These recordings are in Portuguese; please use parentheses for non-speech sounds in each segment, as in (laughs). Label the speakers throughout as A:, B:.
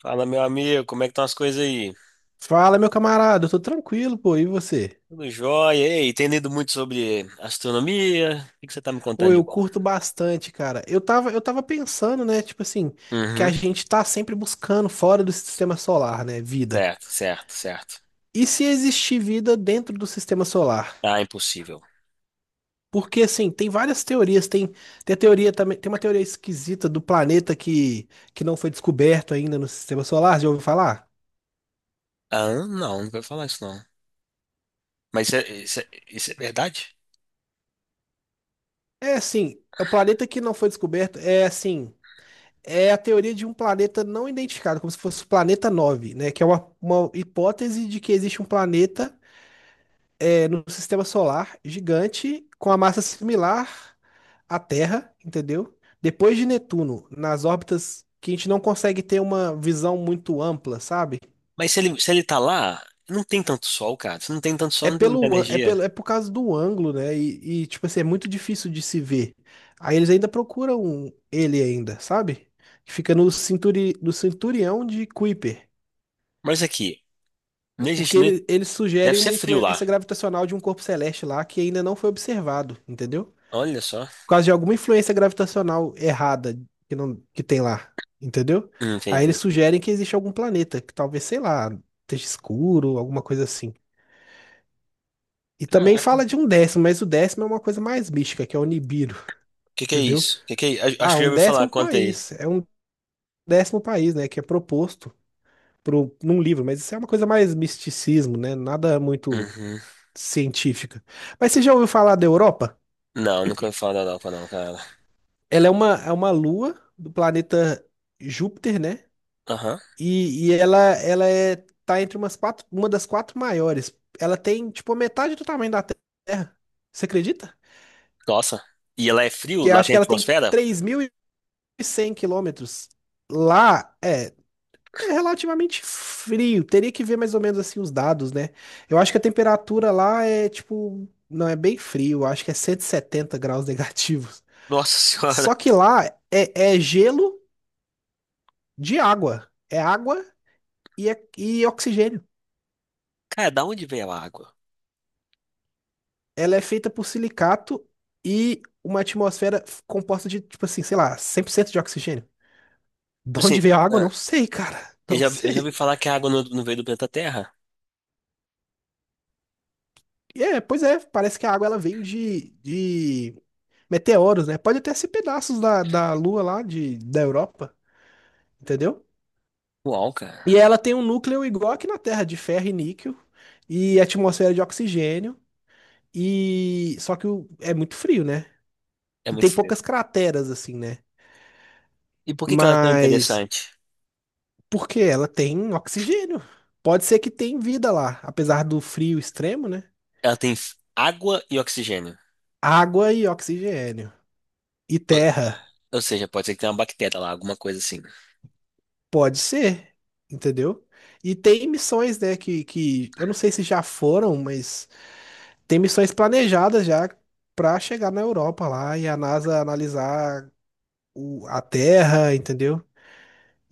A: Fala, meu amigo, como é que estão as coisas aí?
B: Fala, meu camarada, eu tô tranquilo, pô, e você?
A: Tudo jóia? Ei, tem lido muito sobre astronomia? O que que você tá me
B: Ô,
A: contando de
B: eu
A: bom?
B: curto bastante, cara. Eu tava pensando, né, tipo assim, que a
A: Uhum,
B: gente tá sempre buscando fora do sistema solar, né, vida.
A: certo, certo, certo.
B: E se existir vida dentro do sistema solar?
A: Ah, impossível.
B: Porque, assim, tem várias teorias, tem a teoria também, tem uma teoria esquisita do planeta que não foi descoberto ainda no sistema solar, já ouviu falar?
A: Ah, não, não vou falar isso não. Mas isso é verdade?
B: É assim, é o planeta que não foi descoberto, é assim, é a teoria de um planeta não identificado, como se fosse o planeta 9, né? Que é uma hipótese de que existe um planeta no sistema solar gigante com a massa similar à Terra, entendeu? Depois de Netuno, nas órbitas que a gente não consegue ter uma visão muito ampla, sabe?
A: Mas se ele tá lá, não tem tanto sol, cara. Se não tem tanto sol,
B: É
A: não tem muita
B: pelo, an- é
A: energia.
B: pelo, é por causa do ângulo, né? E tipo assim, é muito difícil de se ver. Aí eles ainda procuram ele ainda, sabe? Que fica no cinturão de Kuiper.
A: Mas aqui, não
B: Porque
A: existe, nem
B: eles sugerem
A: deve ser
B: uma
A: frio lá.
B: influência gravitacional de um corpo celeste lá que ainda não foi observado, entendeu?
A: Olha só.
B: Por causa de alguma influência gravitacional errada que, não, que tem lá, entendeu? Aí eles
A: Entendi.
B: sugerem que existe algum planeta, que talvez, sei lá, esteja escuro, alguma coisa assim. E também
A: Caraca. O
B: fala de um décimo, mas o décimo é uma coisa mais mística, que é o Nibiru,
A: que que é
B: entendeu?
A: isso? Acho
B: Ah,
A: que eu
B: um
A: já ouvi falar,
B: décimo
A: conta aí.
B: país. É um décimo país, né? Que é proposto pro, num livro, mas isso é uma coisa mais misticismo, né? Nada muito
A: Uhum.
B: científica. Mas você já ouviu falar da Europa?
A: Não, nunca ouvi falar da Europa não, cara.
B: Ela é uma lua do planeta Júpiter, né?
A: Aham.
B: E ela tá entre umas quatro, uma das quatro maiores. Ela tem, tipo, a metade do tamanho da Terra. Você acredita?
A: Nossa. E ela é frio?
B: Que eu
A: Lá
B: acho
A: tem
B: que ela tem
A: atmosfera?
B: 3.100 quilômetros. Lá é relativamente frio. Teria que ver mais ou menos assim os dados, né? Eu acho que a temperatura lá é, tipo, não é bem frio. Eu acho que é 170 graus (laughs) negativos.
A: Nossa (laughs) senhora.
B: Só que lá é gelo de água. É água e oxigênio.
A: Cara, da onde veio a água?
B: Ela é feita por silicato e uma atmosfera composta de, tipo assim, sei lá, 100% de oxigênio. De
A: Tipo assim,
B: onde veio a água?
A: ah,
B: Não sei, cara. (laughs)
A: eu
B: Não
A: já, eu já ouvi
B: sei.
A: falar que a água não veio do planeta Terra.
B: Pois é, parece que a água ela veio de meteoros, né? Pode até ser pedaços da Lua lá, de, da Europa, entendeu?
A: Uau,
B: E
A: cara.
B: ela tem um núcleo igual aqui na Terra, de ferro e níquel, e atmosfera de oxigênio. E só que é muito frio, né?
A: É
B: E
A: muito
B: tem
A: frio.
B: poucas crateras assim, né?
A: E por que que ela é tão
B: Mas
A: interessante?
B: porque ela tem oxigênio. Pode ser que tenha vida lá, apesar do frio extremo, né?
A: Ela tem água e oxigênio.
B: Água e oxigênio. E
A: Ou
B: terra,
A: ou seja, pode ser que tenha uma bactéria lá, alguma coisa assim.
B: pode ser, entendeu? E tem missões, né, que eu não sei se já foram, mas tem missões planejadas já pra chegar na Europa lá e a NASA analisar a Terra, entendeu?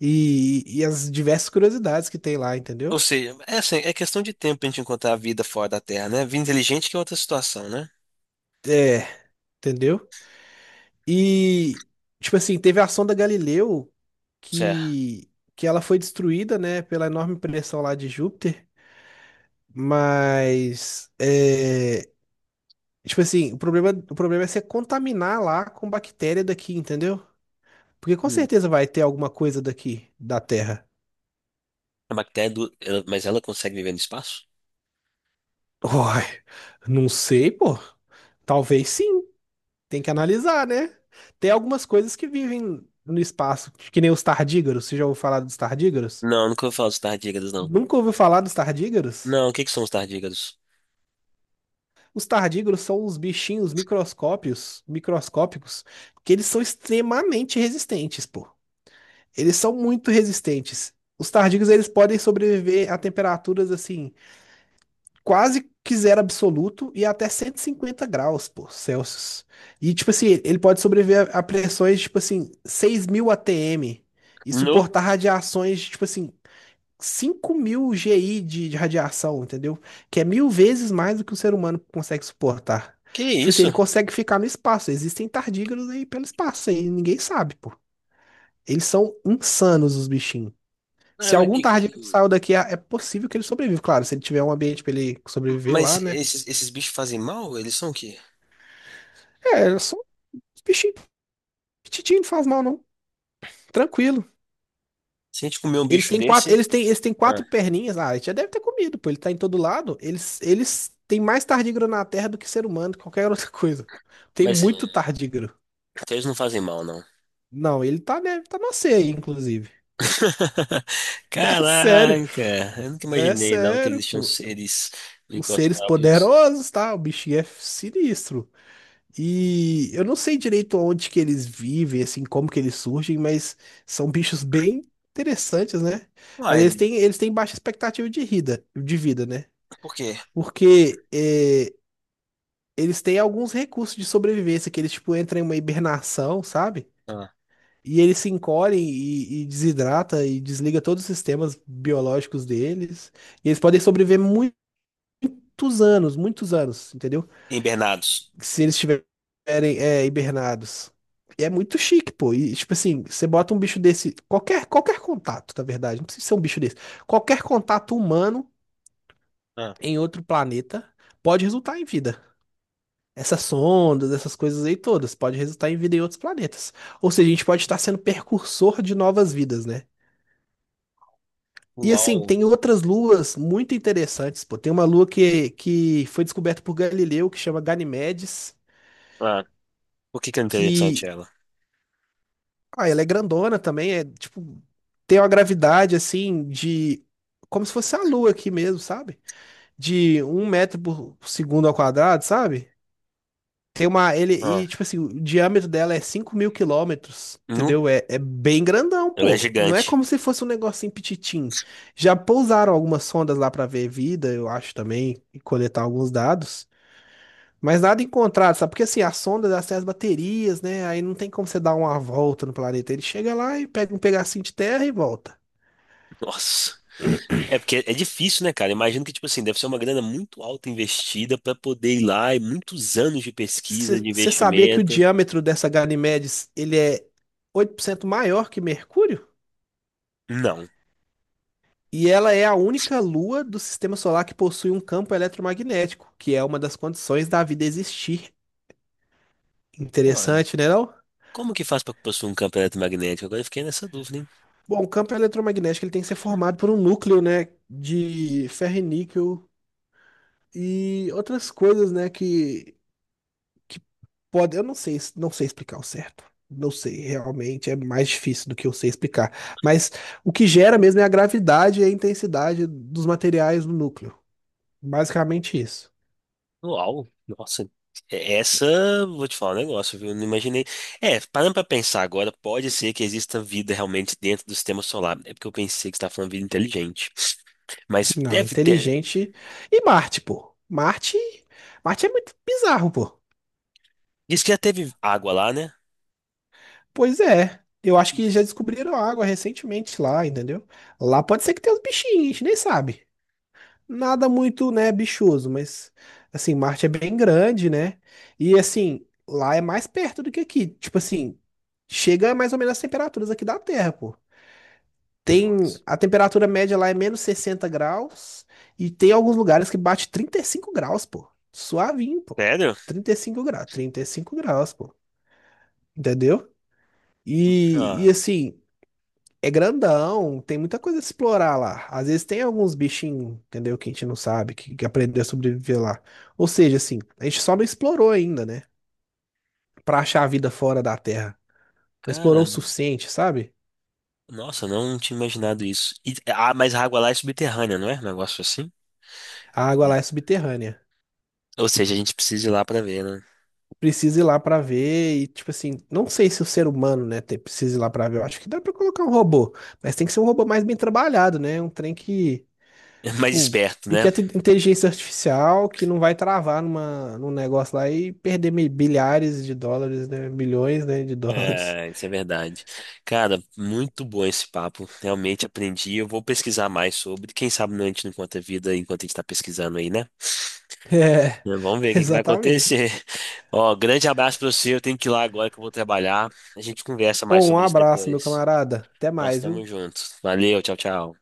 B: E as diversas curiosidades que tem lá,
A: Ou
B: entendeu?
A: seja, é, assim, é questão de tempo pra gente encontrar a vida fora da Terra, né? Vida inteligente que é outra situação, né?
B: É, entendeu? E, tipo assim, teve a sonda Galileu
A: Certo.
B: que, que ela foi destruída, né, pela enorme pressão lá de Júpiter, mas, tipo assim, o problema é você contaminar lá com bactéria daqui, entendeu? Porque com
A: Hum.
B: certeza vai ter alguma coisa daqui, da Terra.
A: A bactéria, do, mas ela consegue viver no espaço?
B: (laughs) Uai, não sei, pô. Talvez sim. Tem que analisar, né? Tem algumas coisas que vivem no espaço, que nem os tardígrados. Você já ouviu falar dos tardígrados?
A: Não, nunca ouvi falar dos tardígrados, não.
B: Nunca ouviu falar dos tardígrados?
A: Não, o que que são os tardígrados?
B: Os tardígrados são uns bichinhos microscópios, microscópicos, que eles são extremamente resistentes, pô. Eles são muito resistentes. Os tardígrados, eles podem sobreviver a temperaturas assim quase que zero absoluto e até 150 graus, pô, Celsius. E, tipo assim, ele pode sobreviver a pressões, tipo assim, 6.000 ATM e
A: No?
B: suportar radiações, de, tipo assim, 5.000 GI de radiação, entendeu? Que é 1.000 vezes mais do que o ser humano consegue suportar.
A: Que
B: Tipo assim, ele
A: isso?
B: consegue ficar no espaço. Existem tardígrados aí pelo espaço aí, ninguém sabe, pô. Eles são insanos, os bichinhos.
A: Ah,
B: Se algum tardígrado saiu daqui, é possível que ele sobreviva. Claro, se ele tiver um ambiente pra ele sobreviver lá,
A: mas
B: né?
A: esses bichos fazem mal? Eles são o quê?
B: É, só os bichinhos petitinhos não faz mal, não. Tranquilo.
A: Se a gente comer um
B: Eles
A: bicho
B: têm quatro,
A: desse.
B: eles têm
A: Ah,
B: quatro perninhas. Ah, ele já deve ter comido, pô. Ele tá em todo lado. Eles têm mais tardígrado na Terra do que ser humano, qualquer (laughs) outra coisa. Tem
A: mas então
B: muito tardígrado.
A: eles não fazem mal, não.
B: Não, ele tá, né, tá na ceia, aí, inclusive. (laughs)
A: (laughs)
B: É sério.
A: Caraca! Eu nunca
B: É
A: imaginei, não, que
B: sério,
A: existiam
B: pô.
A: seres
B: Os seres
A: microscópicos.
B: poderosos, tá? O bichinho é sinistro. E eu não sei direito onde que eles vivem, assim, como que eles surgem, mas são bichos bem interessantes, né? Mas eles
A: Uai,
B: têm, eles têm baixa expectativa de vida, né?
A: por quê?
B: Porque eles têm alguns recursos de sobrevivência, que eles, tipo, entram em uma hibernação, sabe?
A: Ah,
B: E eles se encolhem e desidrata e desliga todos os sistemas biológicos deles. E eles podem sobreviver muitos anos, entendeu?
A: hibernados.
B: Se eles estiverem hibernados. E é muito chique, pô. E, tipo assim, você bota um bicho desse, qualquer contato, na verdade, não precisa ser um bicho desse. Qualquer contato humano
A: Ah,
B: em outro planeta pode resultar em vida. Essas sondas, essas coisas aí todas, pode resultar em vida em outros planetas. Ou seja, a gente pode estar sendo precursor de novas vidas, né? E assim,
A: uau!
B: tem outras luas muito interessantes, pô. Tem uma lua que foi descoberta por Galileu, que chama Ganimedes.
A: Ah, por que que é
B: Que
A: interessante ela?
B: Ah, ela é grandona também, é tipo, tem uma gravidade assim de. Como se fosse a Lua aqui mesmo, sabe? De um metro por segundo ao quadrado, sabe? Tem uma. Ele,
A: Ah,
B: e, tipo assim, o diâmetro dela é 5.000 quilômetros,
A: nu?
B: entendeu? É bem grandão,
A: Ela é
B: pô. Não é
A: gigante.
B: como se fosse um negocinho pititim. Já pousaram algumas sondas lá pra ver vida, eu acho também, e coletar alguns dados. Mas nada encontrado, sabe? Porque assim, a sonda dá acesso às baterias, né? Aí não tem como você dar uma volta no planeta. Ele chega lá e pega um pedacinho de terra e volta.
A: Nossa. É porque é difícil, né, cara? Imagino que, tipo assim, deve ser uma grana muito alta investida pra poder ir lá e muitos anos de pesquisa, de
B: Você sabia que o
A: investimento.
B: diâmetro dessa Ganymedes, ele é 8% maior que Mercúrio?
A: Não.
B: E ela é a única lua do sistema solar que possui um campo eletromagnético, que é uma das condições da vida existir.
A: Mano,
B: Interessante, né, não?
A: como que faz pra possuir um campo eletromagnético? Agora eu fiquei nessa dúvida, hein?
B: Bom, o campo eletromagnético ele tem que ser formado por um núcleo, né, de ferro e níquel e outras coisas, né. que Pode, eu não sei, não sei explicar o certo. Não sei, realmente é mais difícil do que eu sei explicar. Mas o que gera mesmo é a gravidade e a intensidade dos materiais no núcleo. Basicamente isso.
A: Uau, nossa. Essa, vou te falar um negócio, viu? Eu não imaginei. É, parando pra pensar agora, pode ser que exista vida realmente dentro do sistema solar. É porque eu pensei que você tá falando vida inteligente. Mas
B: Não,
A: deve ter.
B: inteligente. E Marte, pô. Marte é muito bizarro, pô.
A: Diz que já teve água lá, né?
B: Pois é. Eu acho que já descobriram água recentemente lá, entendeu? Lá pode ser que tenha uns bichinhos, a gente nem sabe. Nada muito, né, bichoso, mas assim, Marte é bem grande, né? E assim, lá é mais perto do que aqui. Tipo assim, chega mais ou menos as temperaturas aqui da Terra, pô. Tem
A: Nossa.
B: a temperatura média lá é -60 graus e tem alguns lugares que bate 35 graus, pô. Suavinho, pô.
A: Sério?
B: 35 graus, 35 graus, pô. Entendeu? E
A: Ah,
B: assim, é grandão, tem muita coisa a explorar lá. Às vezes tem alguns bichinhos, entendeu? Que a gente não sabe, que aprendeu a sobreviver lá. Ou seja, assim, a gente só não explorou ainda, né? Pra achar a vida fora da Terra. Não explorou o
A: cara,
B: suficiente, sabe?
A: nossa, não tinha imaginado isso. Ah, mas a água lá é subterrânea, não é? Um negócio assim?
B: A água lá é subterrânea.
A: Ou seja, a gente precisa ir lá pra ver, né?
B: Precisa ir lá pra ver e, tipo assim, não sei se o ser humano, né, precisa ir lá pra ver. Eu acho que dá pra colocar um robô, mas tem que ser um robô mais bem trabalhado, né? Um trem que
A: É mais
B: tipo,
A: esperto, né?
B: pequena inteligência artificial que não vai travar numa, num negócio lá e perder bilhares de dólares, né? Milhões, né, de dólares.
A: É, isso é
B: (laughs)
A: verdade. Cara, muito bom esse papo. Realmente aprendi. Eu vou pesquisar mais sobre. Quem sabe a gente não encontra vida enquanto a gente tá pesquisando aí, né?
B: É,
A: É, vamos ver o que que vai
B: exatamente.
A: acontecer. (laughs) Ó, grande abraço pra você. Eu tenho que ir lá agora que eu vou trabalhar. A gente conversa
B: Ô,
A: mais
B: um
A: sobre isso
B: abraço, meu
A: depois.
B: camarada. Até
A: Nós
B: mais, viu?
A: estamos juntos. Valeu, tchau, tchau.